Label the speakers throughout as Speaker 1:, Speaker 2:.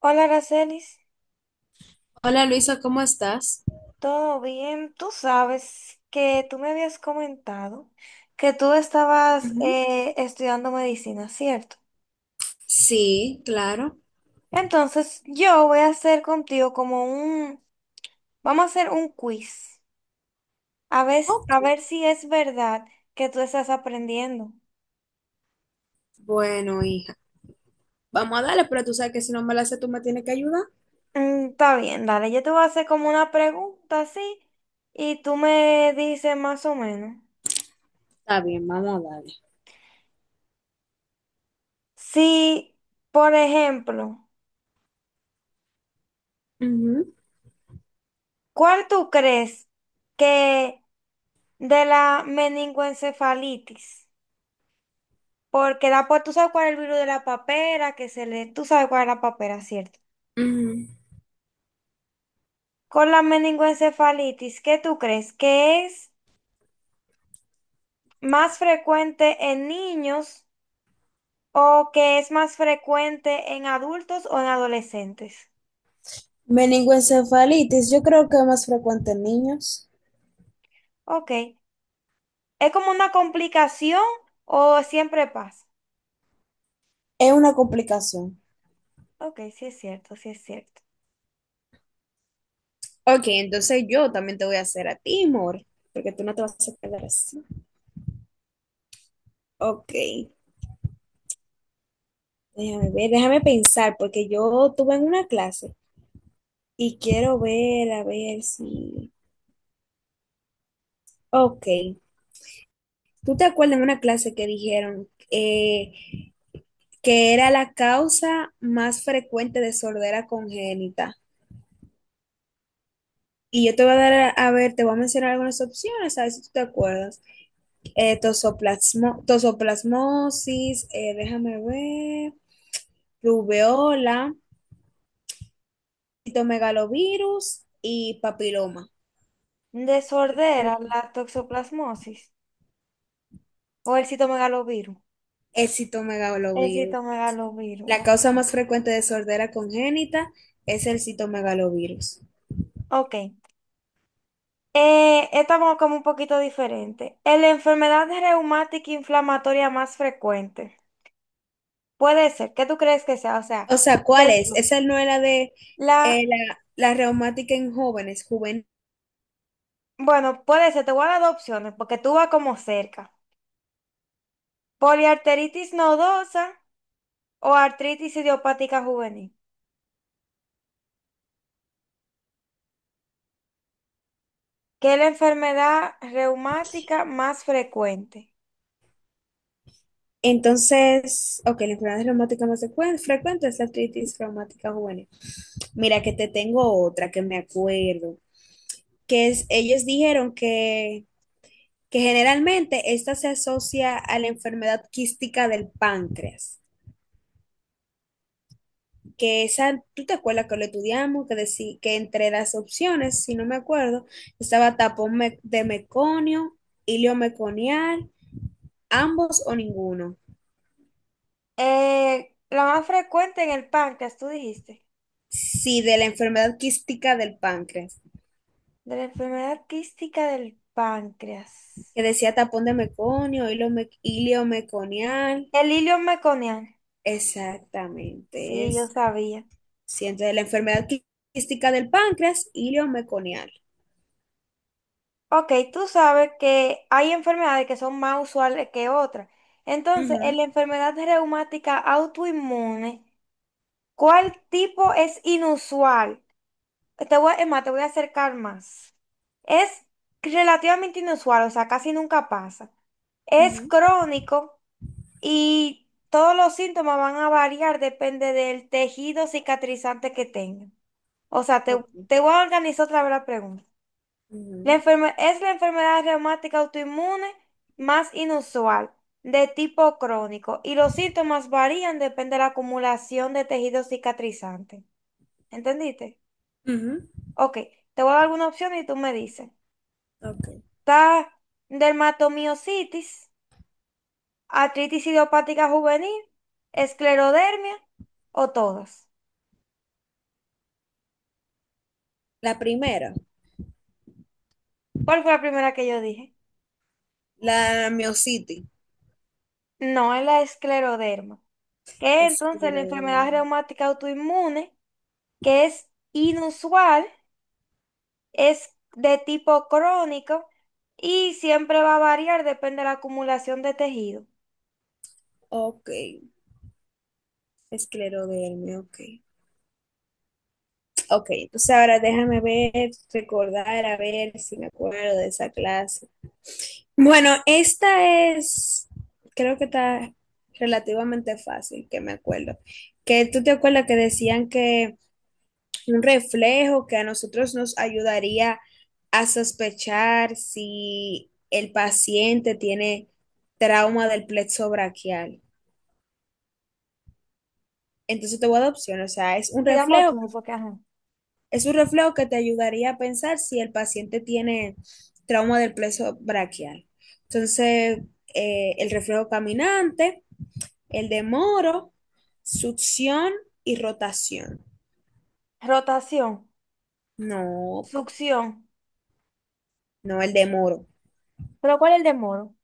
Speaker 1: Hola, Aracelis,
Speaker 2: Hola Luisa, ¿cómo estás?
Speaker 1: ¿todo bien? Tú sabes que tú me habías comentado que tú estabas
Speaker 2: Ujú.
Speaker 1: estudiando medicina, ¿cierto?
Speaker 2: Sí, claro.
Speaker 1: Entonces, yo voy a hacer contigo vamos a hacer un quiz,
Speaker 2: Ok.
Speaker 1: a ver si es verdad que tú estás aprendiendo.
Speaker 2: Bueno, hija, vamos a darle, pero tú sabes que si no me la sé, tú me tienes que ayudar.
Speaker 1: Mm, está bien, dale, yo te voy a hacer como una pregunta así y tú me dices más o menos.
Speaker 2: Está bien, vamos a darle.
Speaker 1: Si, por ejemplo,
Speaker 2: Ujú.
Speaker 1: ¿cuál tú crees que... de la meningoencefalitis, porque tú sabes cuál es el virus de la papera, tú sabes cuál es la papera, ¿cierto?
Speaker 2: Ujú.
Speaker 1: Con la meningoencefalitis, ¿qué tú crees? ¿Que es más frecuente en niños o que es más frecuente en adultos o en adolescentes?
Speaker 2: Meningoencefalitis, yo creo que es más frecuente en niños.
Speaker 1: Ok. ¿Es como una complicación o siempre pasa?
Speaker 2: Es una complicación.
Speaker 1: Ok, sí es cierto, sí es cierto.
Speaker 2: Ok, entonces yo también te voy a hacer a ti, amor, porque tú no te vas a quedar así. Ok, déjame ver, déjame pensar, porque yo tuve en una clase y quiero ver, a ver si... Ok. ¿Tú te acuerdas en una clase que dijeron que era la causa más frecuente de sordera congénita? Y yo te voy a dar, a ver, te voy a mencionar algunas opciones, a ver si tú te acuerdas. Tosoplasmosis, déjame ver, rubeola, citomegalovirus y papiloma.
Speaker 1: Desordera la toxoplasmosis o el citomegalovirus.
Speaker 2: El
Speaker 1: El
Speaker 2: citomegalovirus.
Speaker 1: citomegalovirus.
Speaker 2: La
Speaker 1: Ok.
Speaker 2: causa más frecuente de sordera congénita es el citomegalovirus.
Speaker 1: Ok. Esta va como un poquito diferente. Es la enfermedad reumática inflamatoria más frecuente. Puede ser. ¿Qué tú crees que sea? O sea,
Speaker 2: O sea, ¿cuál
Speaker 1: te
Speaker 2: es?
Speaker 1: digo,
Speaker 2: Esa no era de
Speaker 1: la,
Speaker 2: la reumática en jóvenes, juvenil.
Speaker 1: bueno, puede ser. Te voy a dar dos opciones porque tú vas como cerca. Poliarteritis nodosa o artritis idiopática juvenil, que es la enfermedad reumática más frecuente.
Speaker 2: Entonces, ok, la enfermedad reumática frecuente es la artritis reumática juvenil. Mira que te tengo otra que me acuerdo, que es, ellos dijeron que generalmente esta se asocia a la enfermedad quística del páncreas, que esa, ¿tú te acuerdas que lo estudiamos? Que, que entre las opciones, si no me acuerdo, estaba tapón de meconio, ilio meconial, ambos o ninguno.
Speaker 1: La más frecuente en el páncreas, tú dijiste.
Speaker 2: Sí, de la enfermedad quística del páncreas,
Speaker 1: De la enfermedad quística del páncreas.
Speaker 2: que decía tapón de meconio, iliomeconial.
Speaker 1: El hilo meconiano.
Speaker 2: Exactamente,
Speaker 1: Sí, yo
Speaker 2: es.
Speaker 1: sabía.
Speaker 2: Sí, entonces la quística del páncreas, iliomeconial.
Speaker 1: Ok, tú sabes que hay enfermedades que son más usuales que otras. Entonces, en
Speaker 2: Ujú,
Speaker 1: la enfermedad reumática autoinmune, ¿cuál tipo es inusual? Es más, te voy a acercar más. Es relativamente inusual, o sea, casi nunca pasa. Es
Speaker 2: ujú,
Speaker 1: crónico y todos los síntomas van a variar, depende del tejido cicatrizante que tenga. O sea,
Speaker 2: ok,
Speaker 1: te voy a organizar otra vez la pregunta.
Speaker 2: ujú,
Speaker 1: Es la enfermedad reumática autoinmune más inusual, de tipo crónico, y los síntomas varían depende de la acumulación de tejido cicatrizante. ¿Entendiste?
Speaker 2: ujú,
Speaker 1: Ok, te voy a dar alguna opción y tú me dices.
Speaker 2: ok.
Speaker 1: Está dermatomiositis, artritis idiopática juvenil, esclerodermia o todas.
Speaker 2: La primera,
Speaker 1: ¿Cuál fue la primera que yo dije?
Speaker 2: la miositis,
Speaker 1: No, es la escleroderma, que es entonces la
Speaker 2: esclerodermia.
Speaker 1: enfermedad reumática autoinmune, que es inusual. Es de tipo crónico y siempre va a variar, depende de la acumulación de tejido.
Speaker 2: Ok, esclerodermia, ok. Ok, entonces ahora déjame ver, recordar, a ver si me acuerdo de esa clase. Bueno, esta es, creo que está relativamente fácil, que me acuerdo. Que tú te acuerdas que decían que un reflejo que a nosotros nos ayudaría a sospechar si el paciente tiene trauma del plexo braquial. Entonces te voy a dar opciones, o sea, es un
Speaker 1: Digamos
Speaker 2: reflejo.
Speaker 1: tú, porque ajá.
Speaker 2: Es un reflejo que te ayudaría a pensar si el paciente tiene trauma del plexo braquial. Entonces, el reflejo caminante, el de moro, succión y rotación.
Speaker 1: Rotación,
Speaker 2: No,
Speaker 1: succión.
Speaker 2: no, el de moro.
Speaker 1: ¿Pero cuál es el de modo?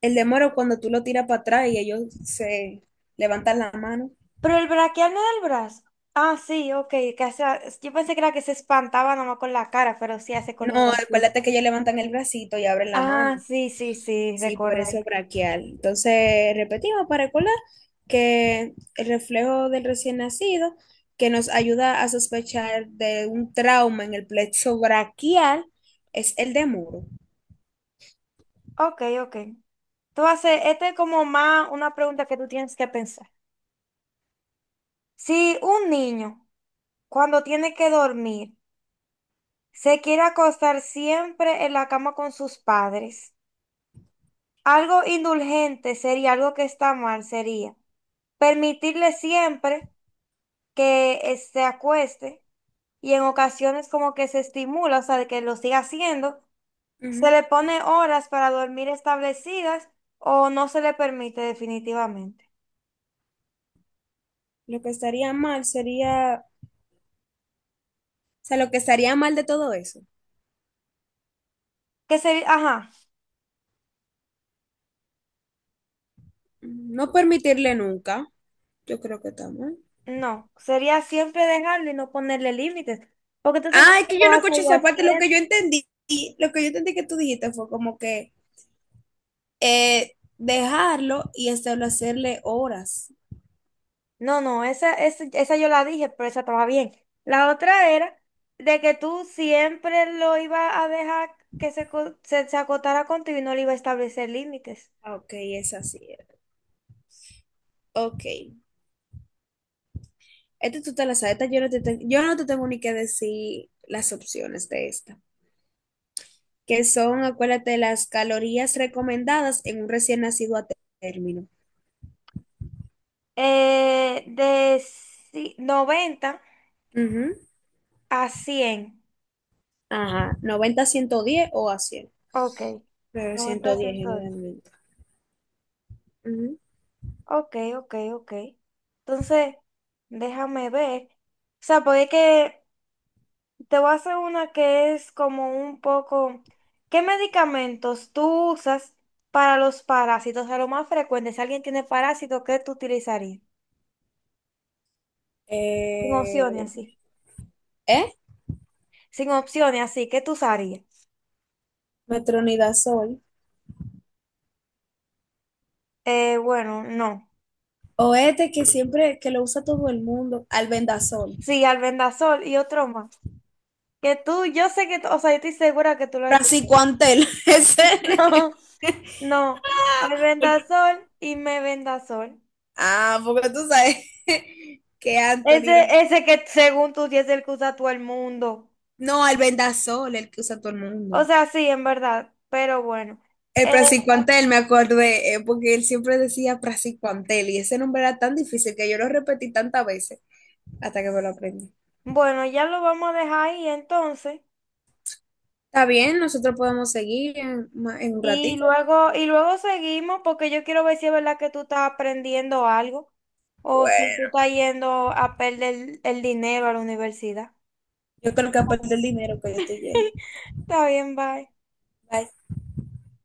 Speaker 2: El de moro cuando tú lo tiras para atrás y ellos se levantan la mano.
Speaker 1: Pero el braquial no del brazo. Ah, sí, ok. que hace- yo pensé que era que se espantaba nomás con la cara, pero sí hace con los
Speaker 2: No,
Speaker 1: brazos.
Speaker 2: acuérdate que ellos levantan el bracito y abren la mano.
Speaker 1: Ah, sí, sí, sí,
Speaker 2: Sí, por
Speaker 1: recordé.
Speaker 2: eso braquial. Entonces, repetimos para recordar que el reflejo del recién nacido, que nos ayuda a sospechar de un trauma en el plexo braquial, es el de muro.
Speaker 1: Ok, ok. Tú haces, este es como más una pregunta que tú tienes que pensar. Si un niño, cuando tiene que dormir, se quiere acostar siempre en la cama con sus padres. Algo indulgente sería, algo que está mal sería permitirle siempre que se acueste y en ocasiones como que se estimula, o sea, de que lo siga haciendo, se
Speaker 2: Ujú.
Speaker 1: le pone horas para dormir establecidas o no se le permite definitivamente.
Speaker 2: Lo que estaría mal sería, o sea, lo que estaría mal de todo eso,
Speaker 1: Que sería, ajá,
Speaker 2: no permitirle nunca, yo creo que está mal.
Speaker 1: no, sería siempre dejarlo y no ponerle límites, porque entonces
Speaker 2: Ah, es
Speaker 1: siempre
Speaker 2: que
Speaker 1: lo
Speaker 2: yo
Speaker 1: va
Speaker 2: no
Speaker 1: a
Speaker 2: escuché
Speaker 1: seguir
Speaker 2: esa parte, lo
Speaker 1: haciendo.
Speaker 2: que yo entendí, lo que yo entendí que tú dijiste fue como que eh, dejarlo y establecerle horas.
Speaker 1: No, no, esa yo la dije, pero esa estaba bien. La otra era de que tú siempre lo ibas a dejar que se acotara contigo y no le iba a establecer límites.
Speaker 2: Ah, ok, es así. Ok. Esta tú te la sabes. Esta yo no yo no te tengo ni que decir las opciones de esta. Que son, acuérdate, las calorías recomendadas en un recién nacido a término.
Speaker 1: De 90
Speaker 2: Ujú.
Speaker 1: a 100.
Speaker 2: Ajá. Noventa, a 110 o a 100.
Speaker 1: Ok.
Speaker 2: Pero
Speaker 1: 90
Speaker 2: ciento
Speaker 1: a
Speaker 2: diez
Speaker 1: 110.
Speaker 2: generalmente. Ujú.
Speaker 1: Ok, ok, ok. Entonces, déjame ver. O sea, porque es que te voy a hacer una que es como un poco, ¿qué medicamentos tú usas para los parásitos? O sea, lo más frecuente, si alguien tiene parásito, ¿qué tú utilizarías? Sin opciones
Speaker 2: Eh,
Speaker 1: así.
Speaker 2: ¿eh?
Speaker 1: Sin opciones así, ¿qué tú usarías?
Speaker 2: Metronidazol.
Speaker 1: Bueno, no.
Speaker 2: O este que siempre, que lo usa todo el mundo. Albendazol.
Speaker 1: Sí, albendazol y otro más. Que yo sé que, o sea, yo estoy segura que tú lo escuchado.
Speaker 2: Braxicoantel. Ese.
Speaker 1: No, no. Albendazol y mebendazol.
Speaker 2: Ah, porque tú sabes que Anthony.
Speaker 1: Ese,
Speaker 2: No,
Speaker 1: ese que según tú sí es el que usa todo el mundo.
Speaker 2: no, el vendasol, el que usa todo el mundo.
Speaker 1: O sea, sí, en verdad, pero bueno.
Speaker 2: El
Speaker 1: Eh,
Speaker 2: praziquantel, me acordé, porque él siempre decía praziquantel y ese nombre era tan difícil que yo lo repetí tantas veces hasta que me lo aprendí.
Speaker 1: bueno, ya lo vamos a dejar ahí entonces.
Speaker 2: Está bien, nosotros podemos seguir en un ratito.
Speaker 1: Y luego seguimos porque yo quiero ver si es verdad que tú estás aprendiendo algo o si tú
Speaker 2: Bueno,
Speaker 1: estás yendo a perder el dinero a la universidad.
Speaker 2: yo creo que aparte el dinero que yo estoy yendo.
Speaker 1: Está bien, bye.
Speaker 2: Bye.